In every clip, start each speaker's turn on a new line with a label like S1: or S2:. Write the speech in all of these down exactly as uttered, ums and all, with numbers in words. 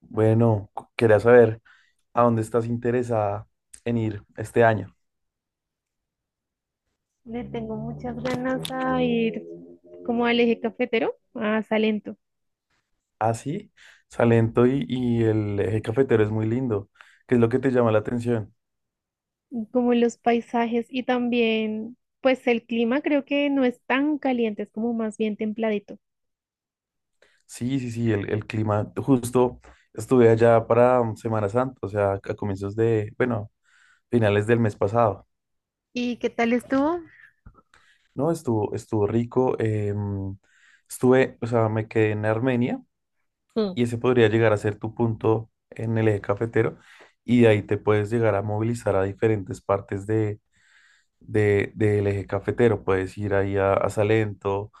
S1: Bueno, cu- quería saber a dónde estás interesada en ir este año.
S2: Le tengo muchas ganas a ir como al eje cafetero, a Salento,
S1: Ah, sí, Salento y, y el eje cafetero es muy lindo. ¿Qué es lo que te llama la atención?
S2: como los paisajes y también, pues el clima creo que no es tan caliente, es como más bien templadito.
S1: Sí, sí, sí, el, el clima. Justo estuve allá para um, Semana Santa, o sea, a comienzos de, bueno, finales del mes pasado,
S2: ¿Y qué tal estuvo?
S1: ¿no? Estuvo, estuvo rico. Em, estuve, o sea, me quedé en Armenia y ese podría llegar a ser tu punto en el eje cafetero y de ahí te puedes llegar a movilizar a diferentes partes de de, del eje cafetero. Puedes ir ahí a, a Salento,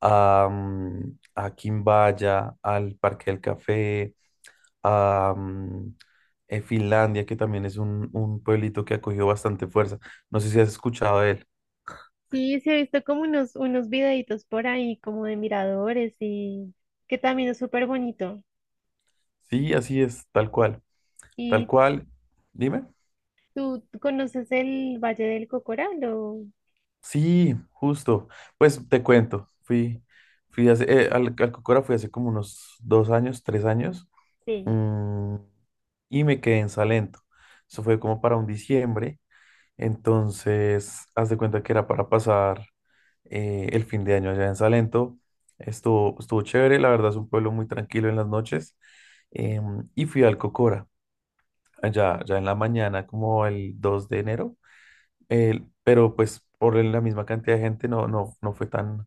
S1: a, mm, a Quimbaya, al Parque del Café, a mm, eh, Finlandia, que también es un, un pueblito que ha cogido bastante fuerza. No sé si has escuchado de él.
S2: Sí, sí, he visto como unos, unos videitos por ahí, como de miradores, y que también es súper bonito.
S1: Sí, así es, tal cual, tal
S2: ¿Y
S1: cual. Dime.
S2: tú, tú conoces el Valle del Cocora? Lo...
S1: Sí, justo. Pues te cuento, fui, fui hace, eh, al, al Cocora fui hace como unos dos años, tres años.
S2: Sí.
S1: mm, y me quedé en Salento. Eso fue como para un diciembre. Entonces, haz de cuenta que era para pasar eh, el fin de año allá en Salento. Estuvo, estuvo chévere, la verdad es un pueblo muy tranquilo en las noches. Em, y fui al Cocora, allá, ya en la mañana, como el dos de enero. El- pero pues por la misma cantidad de gente no, no, no fue tan,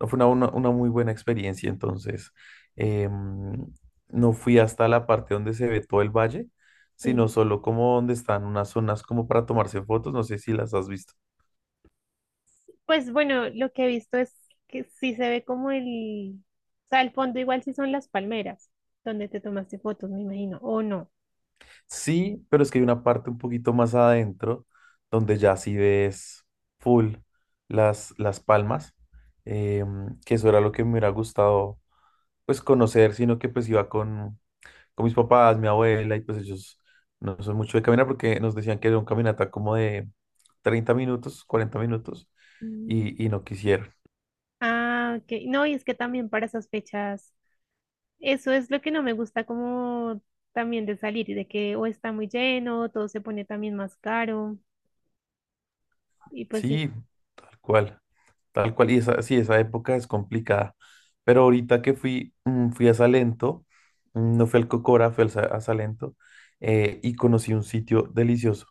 S1: no fue una, una- una muy buena experiencia, entonces em, no fui hasta la parte donde se ve todo el valle,
S2: Sí.
S1: sino solo como donde están unas zonas como para tomarse fotos, no sé si las has visto.
S2: Pues bueno, lo que he visto es que sí se ve como el, o sea, el fondo igual sí son las palmeras donde te tomaste fotos, me imagino, o no.
S1: Sí, pero es que hay una parte un poquito más adentro donde ya sí ves full las, las palmas, em, que eso era lo que me hubiera gustado pues conocer, sino que pues iba con, con mis papás, mi abuela, y pues ellos no son mucho de caminar porque nos decían que era un caminata como de treinta minutos, cuarenta minutos,
S2: Mm.
S1: y, y no quisieron.
S2: Ah, ok. No, y es que también para esas fechas, eso es lo que no me gusta, como también de salir, de que o está muy lleno, todo se pone también más caro, y pues sí,
S1: Sí, tal cual, tal cual. Y esa, sí, esa época es complicada. Pero ahorita que fui, mm, fui a Salento, mm, no fui al Cocora, fui al Sa- a Salento, eh, y conocí un sitio delicioso.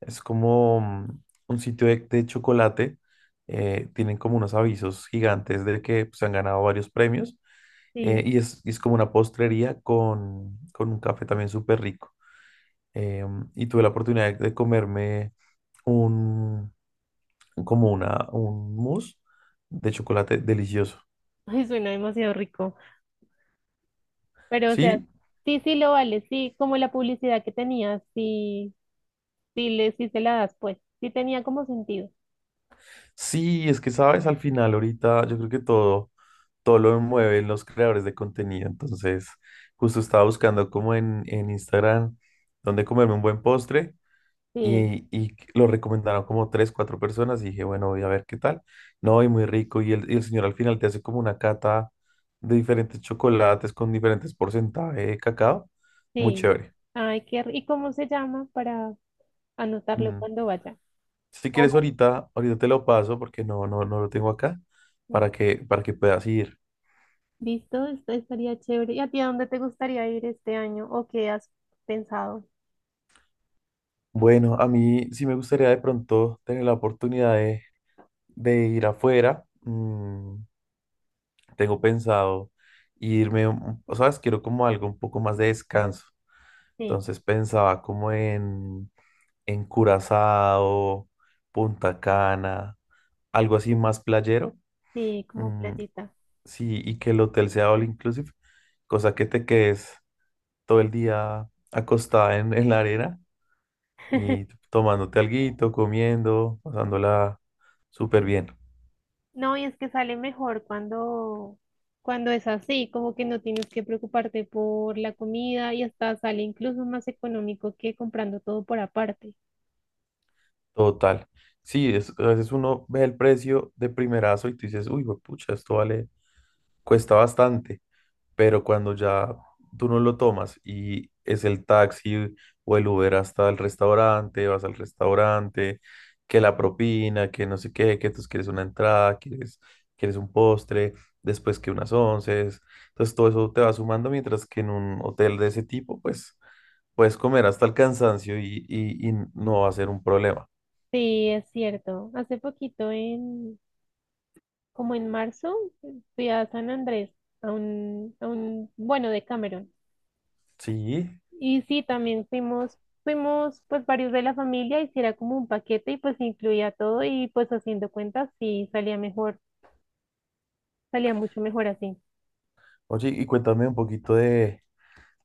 S1: Es como mm, un sitio de, de chocolate. Eh, tienen como unos avisos gigantes de que se han ganado varios premios. Eh,
S2: sí.
S1: y es, y es como una postrería con, con un café también súper rico. Em, y tuve la oportunidad de comerme como una, un mousse de chocolate delicioso.
S2: Ay, suena demasiado rico, pero, o sea,
S1: Sí,
S2: sí, sí lo vale, sí, como la publicidad que tenía, sí, sí, le, sí se la das, pues, sí tenía como sentido,
S1: sí, es que sabes, al final ahorita yo creo que todo, todo lo mueven los creadores de contenido. Entonces, justo estaba buscando como en, en Instagram dónde comerme un buen postre
S2: sí.
S1: y, y lo recomendaron como tres, cuatro personas y dije, bueno, voy a ver qué tal. No, y muy rico. Y el, y el señor al final te hace como una cata de diferentes chocolates con diferentes porcentajes de cacao. Muy
S2: Sí.
S1: chévere.
S2: Ay, qué... ri- ¿Y cómo se llama para anotarlo
S1: Mm.
S2: cuando vaya?
S1: Si quieres
S2: Como-
S1: ahorita, ahorita te lo paso porque no, no, no lo tengo acá para que, para que puedas ir.
S2: Listo, esto estaría chévere. ¿Y a ti a dónde te gustaría ir este año o qué has pensado?
S1: Bueno, a mí sí me gustaría de pronto tener la oportunidad de, de ir afuera. Mm, tengo pensado irme, un- o sabes, quiero como algo un poco más de descanso.
S2: Sí,
S1: Entonces pensaba como en, en Curazao, Punta Cana, algo así más playero.
S2: sí, como
S1: Mm,
S2: playita.
S1: sí, y que el hotel sea all inclusive, cosa que te quedes todo el día acostada en, en la arena y tomándote alguito, comiendo, pasándola súper bien.
S2: No, y es que sale mejor cuando, cuando es así, como que no tienes que preocuparte por la comida y hasta sale incluso más económico que comprando todo por aparte.
S1: Total. Sí, es, a veces uno ve el precio de primerazo y tú dices, uy, pucha, esto vale, cuesta bastante. Pero cuando ya tú no lo tomas y es el taxi o el Uber hasta el restaurante, vas al restaurante, que la propina, que no sé qué, que tú quieres una entrada, quieres, quieres un postre, después que unas once, entonces todo eso te va sumando mientras que en un hotel de ese tipo, pues puedes comer hasta el cansancio y, y, y no va a ser un problema.
S2: Sí, es cierto. Hace poquito en, como en marzo, fui a San Andrés, a un, a un, bueno, de Cameron.
S1: Sí,
S2: Y sí, también fuimos, fuimos pues varios de la familia, y sí era como un paquete y pues incluía todo y pues haciendo cuentas sí salía mejor, salía mucho mejor así.
S1: oye, y cuéntame un poquito de,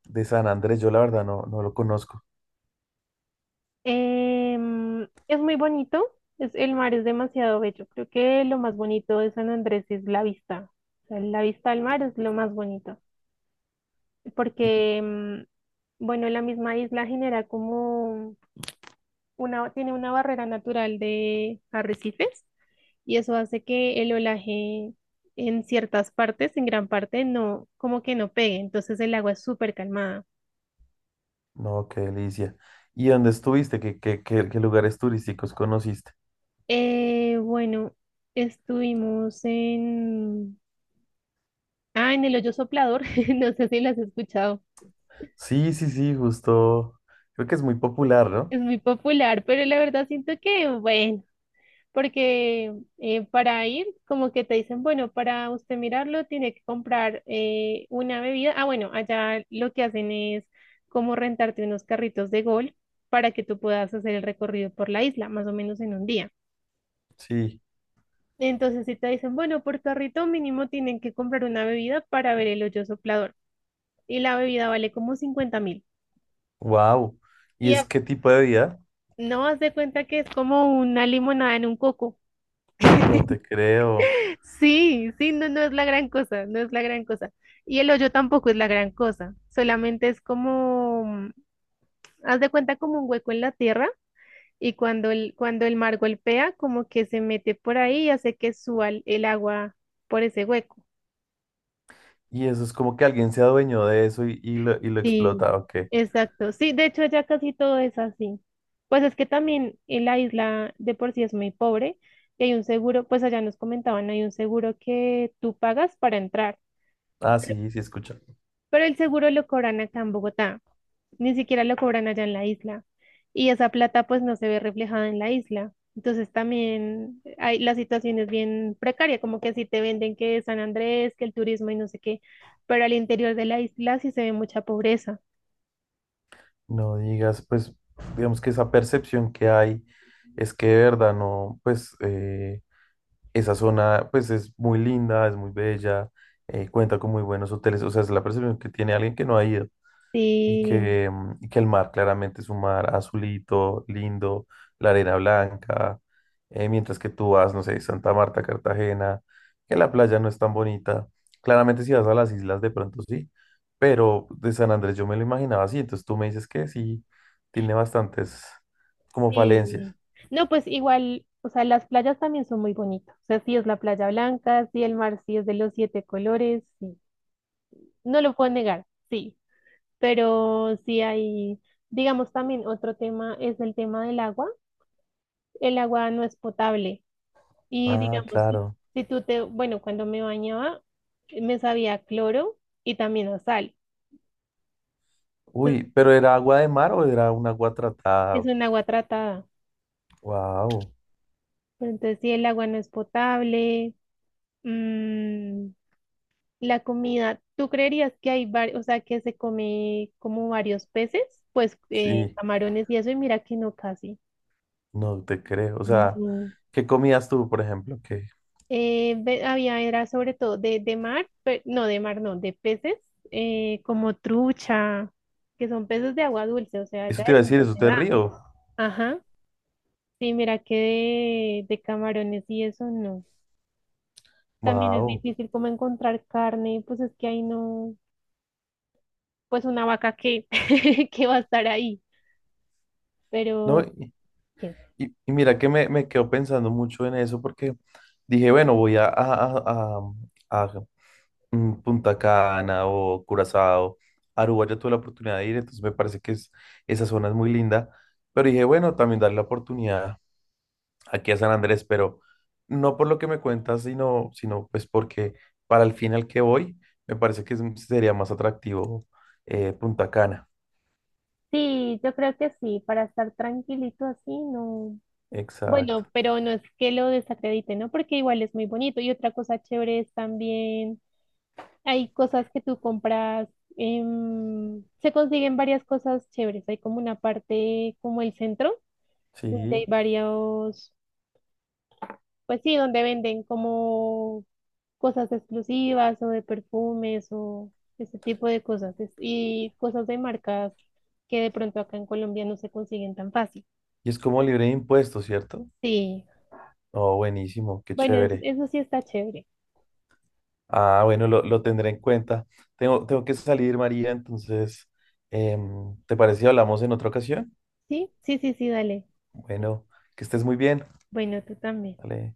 S1: de San Andrés, yo la verdad no, no lo conozco.
S2: Em, es muy bonito, es, el mar es demasiado bello. Creo que lo más bonito de San Andrés es la vista. O sea, la vista al mar es lo más bonito, porque, em, bueno, la misma isla genera como una, tiene una barrera natural de arrecifes, y eso hace que el olaje en ciertas partes, en gran parte, no, como que no pegue. Entonces el agua es súper calmada.
S1: No, qué delicia. ¿Y dónde estuviste? ¿Qué, qué, qué, ¿qué lugares turísticos conociste?
S2: Eh, bueno, estuvimos en... Ah, en el hoyo soplador, no sé si lo has escuchado.
S1: Sí, sí, sí, justo. Creo que es muy popular, ¿no?
S2: Es muy popular, pero la verdad siento que, bueno, porque, eh, para ir, como que te dicen, bueno, para usted mirarlo tiene que comprar, eh, una bebida. Ah, bueno, allá lo que hacen es como rentarte unos carritos de golf para que tú puedas hacer el recorrido por la isla, más o menos en un día.
S1: Sí.
S2: Entonces, si te dicen, bueno, por carrito mínimo tienen que comprar una bebida para ver el hoyo soplador. Y la bebida vale como cincuenta mil.
S1: Wow. ¿Y
S2: Y
S1: es
S2: a-
S1: qué tipo de vida?
S2: no vas de cuenta que es como una limonada en un coco.
S1: No te creo.
S2: Sí, sí, no, no es la gran cosa, no es la gran cosa. Y el hoyo tampoco es la gran cosa, solamente es como, mm, haz de cuenta como un hueco en la tierra y cuando el, cuando el mar golpea, como que se mete por ahí y hace que suba el el agua por ese hueco.
S1: Y eso es como que alguien se adueñó de eso y, y lo, y lo explota,
S2: Sí,
S1: ¿ok?
S2: exacto. Sí, de hecho ya casi todo es así. Pues es que también en la isla de por sí es muy pobre y hay un seguro, pues allá nos comentaban, hay un seguro que tú pagas para entrar,
S1: Ah, sí, sí, escucha.
S2: pero el seguro lo cobran acá en Bogotá. Ni siquiera lo cobran allá en la isla, y esa plata pues no se ve reflejada en la isla. Entonces también hay, la situación es bien precaria, como que así te venden que San Andrés, que el turismo y no sé qué, pero al interior de la isla sí se ve mucha pobreza.
S1: No digas, pues, digamos que esa percepción que hay es que de verdad no, pues, eh, esa zona, pues, es muy linda, es muy bella, eh, cuenta con muy buenos hoteles. O sea, es la percepción que tiene alguien que no ha ido. Y
S2: Sí,
S1: que, mm, y que el mar claramente es un mar azulito, lindo, la arena blanca. Eh, mientras que tú vas, no sé, Santa Marta, Cartagena, que la playa no es tan bonita. Claramente, si vas a las islas, de pronto sí. Pero de San Andrés yo me lo imaginaba así. Entonces tú me dices que sí, tiene bastantes como
S2: sí.
S1: falencias.
S2: No, pues igual, o sea, las playas también son muy bonitas. O sea, sí es la playa blanca, sí el mar sí es de los siete colores, sí. No lo puedo negar, sí, pero sí hay... Digamos también otro tema es el tema del agua. El agua no es potable. Y
S1: Ah,
S2: digamos, si,
S1: claro.
S2: si tú te, bueno, cuando me bañaba, me sabía a cloro y también a sal.
S1: Uy,
S2: Entonces,
S1: pero era agua de mar o era un agua
S2: es
S1: tratada.
S2: un agua tratada.
S1: Wow,
S2: Pero entonces, si el agua no es potable, mm, la comida, ¿tú creerías que hay varios, o sea, que se come como varios peces? Pues, eh,
S1: sí,
S2: camarones y eso, y mira que no casi.
S1: no te creo. O sea,
S2: Mm.
S1: ¿qué comías tú, por ejemplo? ¿Qué?
S2: Eh, ve- había, era sobre todo de, de mar, pe- no, de mar no, de peces, eh, como trucha, que son peces de agua dulce, o sea,
S1: Eso
S2: ya
S1: te iba a
S2: eso
S1: decir,
S2: no
S1: eso
S2: se
S1: te
S2: da.
S1: río.
S2: Ajá, sí, mira que de, de camarones y eso no. También es
S1: Wow.
S2: difícil como encontrar carne, pues es que ahí no, pues una vaca que, que va a estar ahí,
S1: No,
S2: pero
S1: y,
S2: ¿qué?
S1: y- y mira que me, me quedo pensando mucho en eso porque dije, bueno, voy a, a, a- a, a, mm, Punta Cana o Curazao. Aruba ya tuve la oportunidad de ir, entonces me parece que es, esa zona es muy linda. Pero dije, bueno, también darle la oportunidad aquí a San Andrés, pero no por lo que me cuentas, sino, sino pues porque para el fin al que voy, me parece que es- sería más atractivo eh, Punta Cana.
S2: Sí, yo creo que sí, para estar tranquilito así, no.
S1: Exacto.
S2: Bueno, pero no es que lo desacredite, ¿no? Porque igual es muy bonito. Y otra cosa chévere es también, hay cosas que tú compras, em, se consiguen varias cosas chéveres. Hay como una parte, como el centro, donde
S1: Sí.
S2: hay varios, pues sí, donde venden como cosas exclusivas o de perfumes o ese tipo de cosas. es- Y cosas de marcas que de pronto acá en Colombia no se consiguen tan fácil.
S1: Y es como libre de impuestos, ¿cierto?
S2: Sí,
S1: Oh, buenísimo, qué
S2: bueno, es-
S1: chévere.
S2: eso sí está chévere.
S1: Ah, bueno, lo, lo tendré en cuenta. Tengo, tengo que salir, María, entonces, em, ¿te parece si hablamos en otra ocasión?
S2: Sí, sí, sí, sí, dale.
S1: Bueno, que estés muy bien.
S2: Bueno, tú también.
S1: Vale.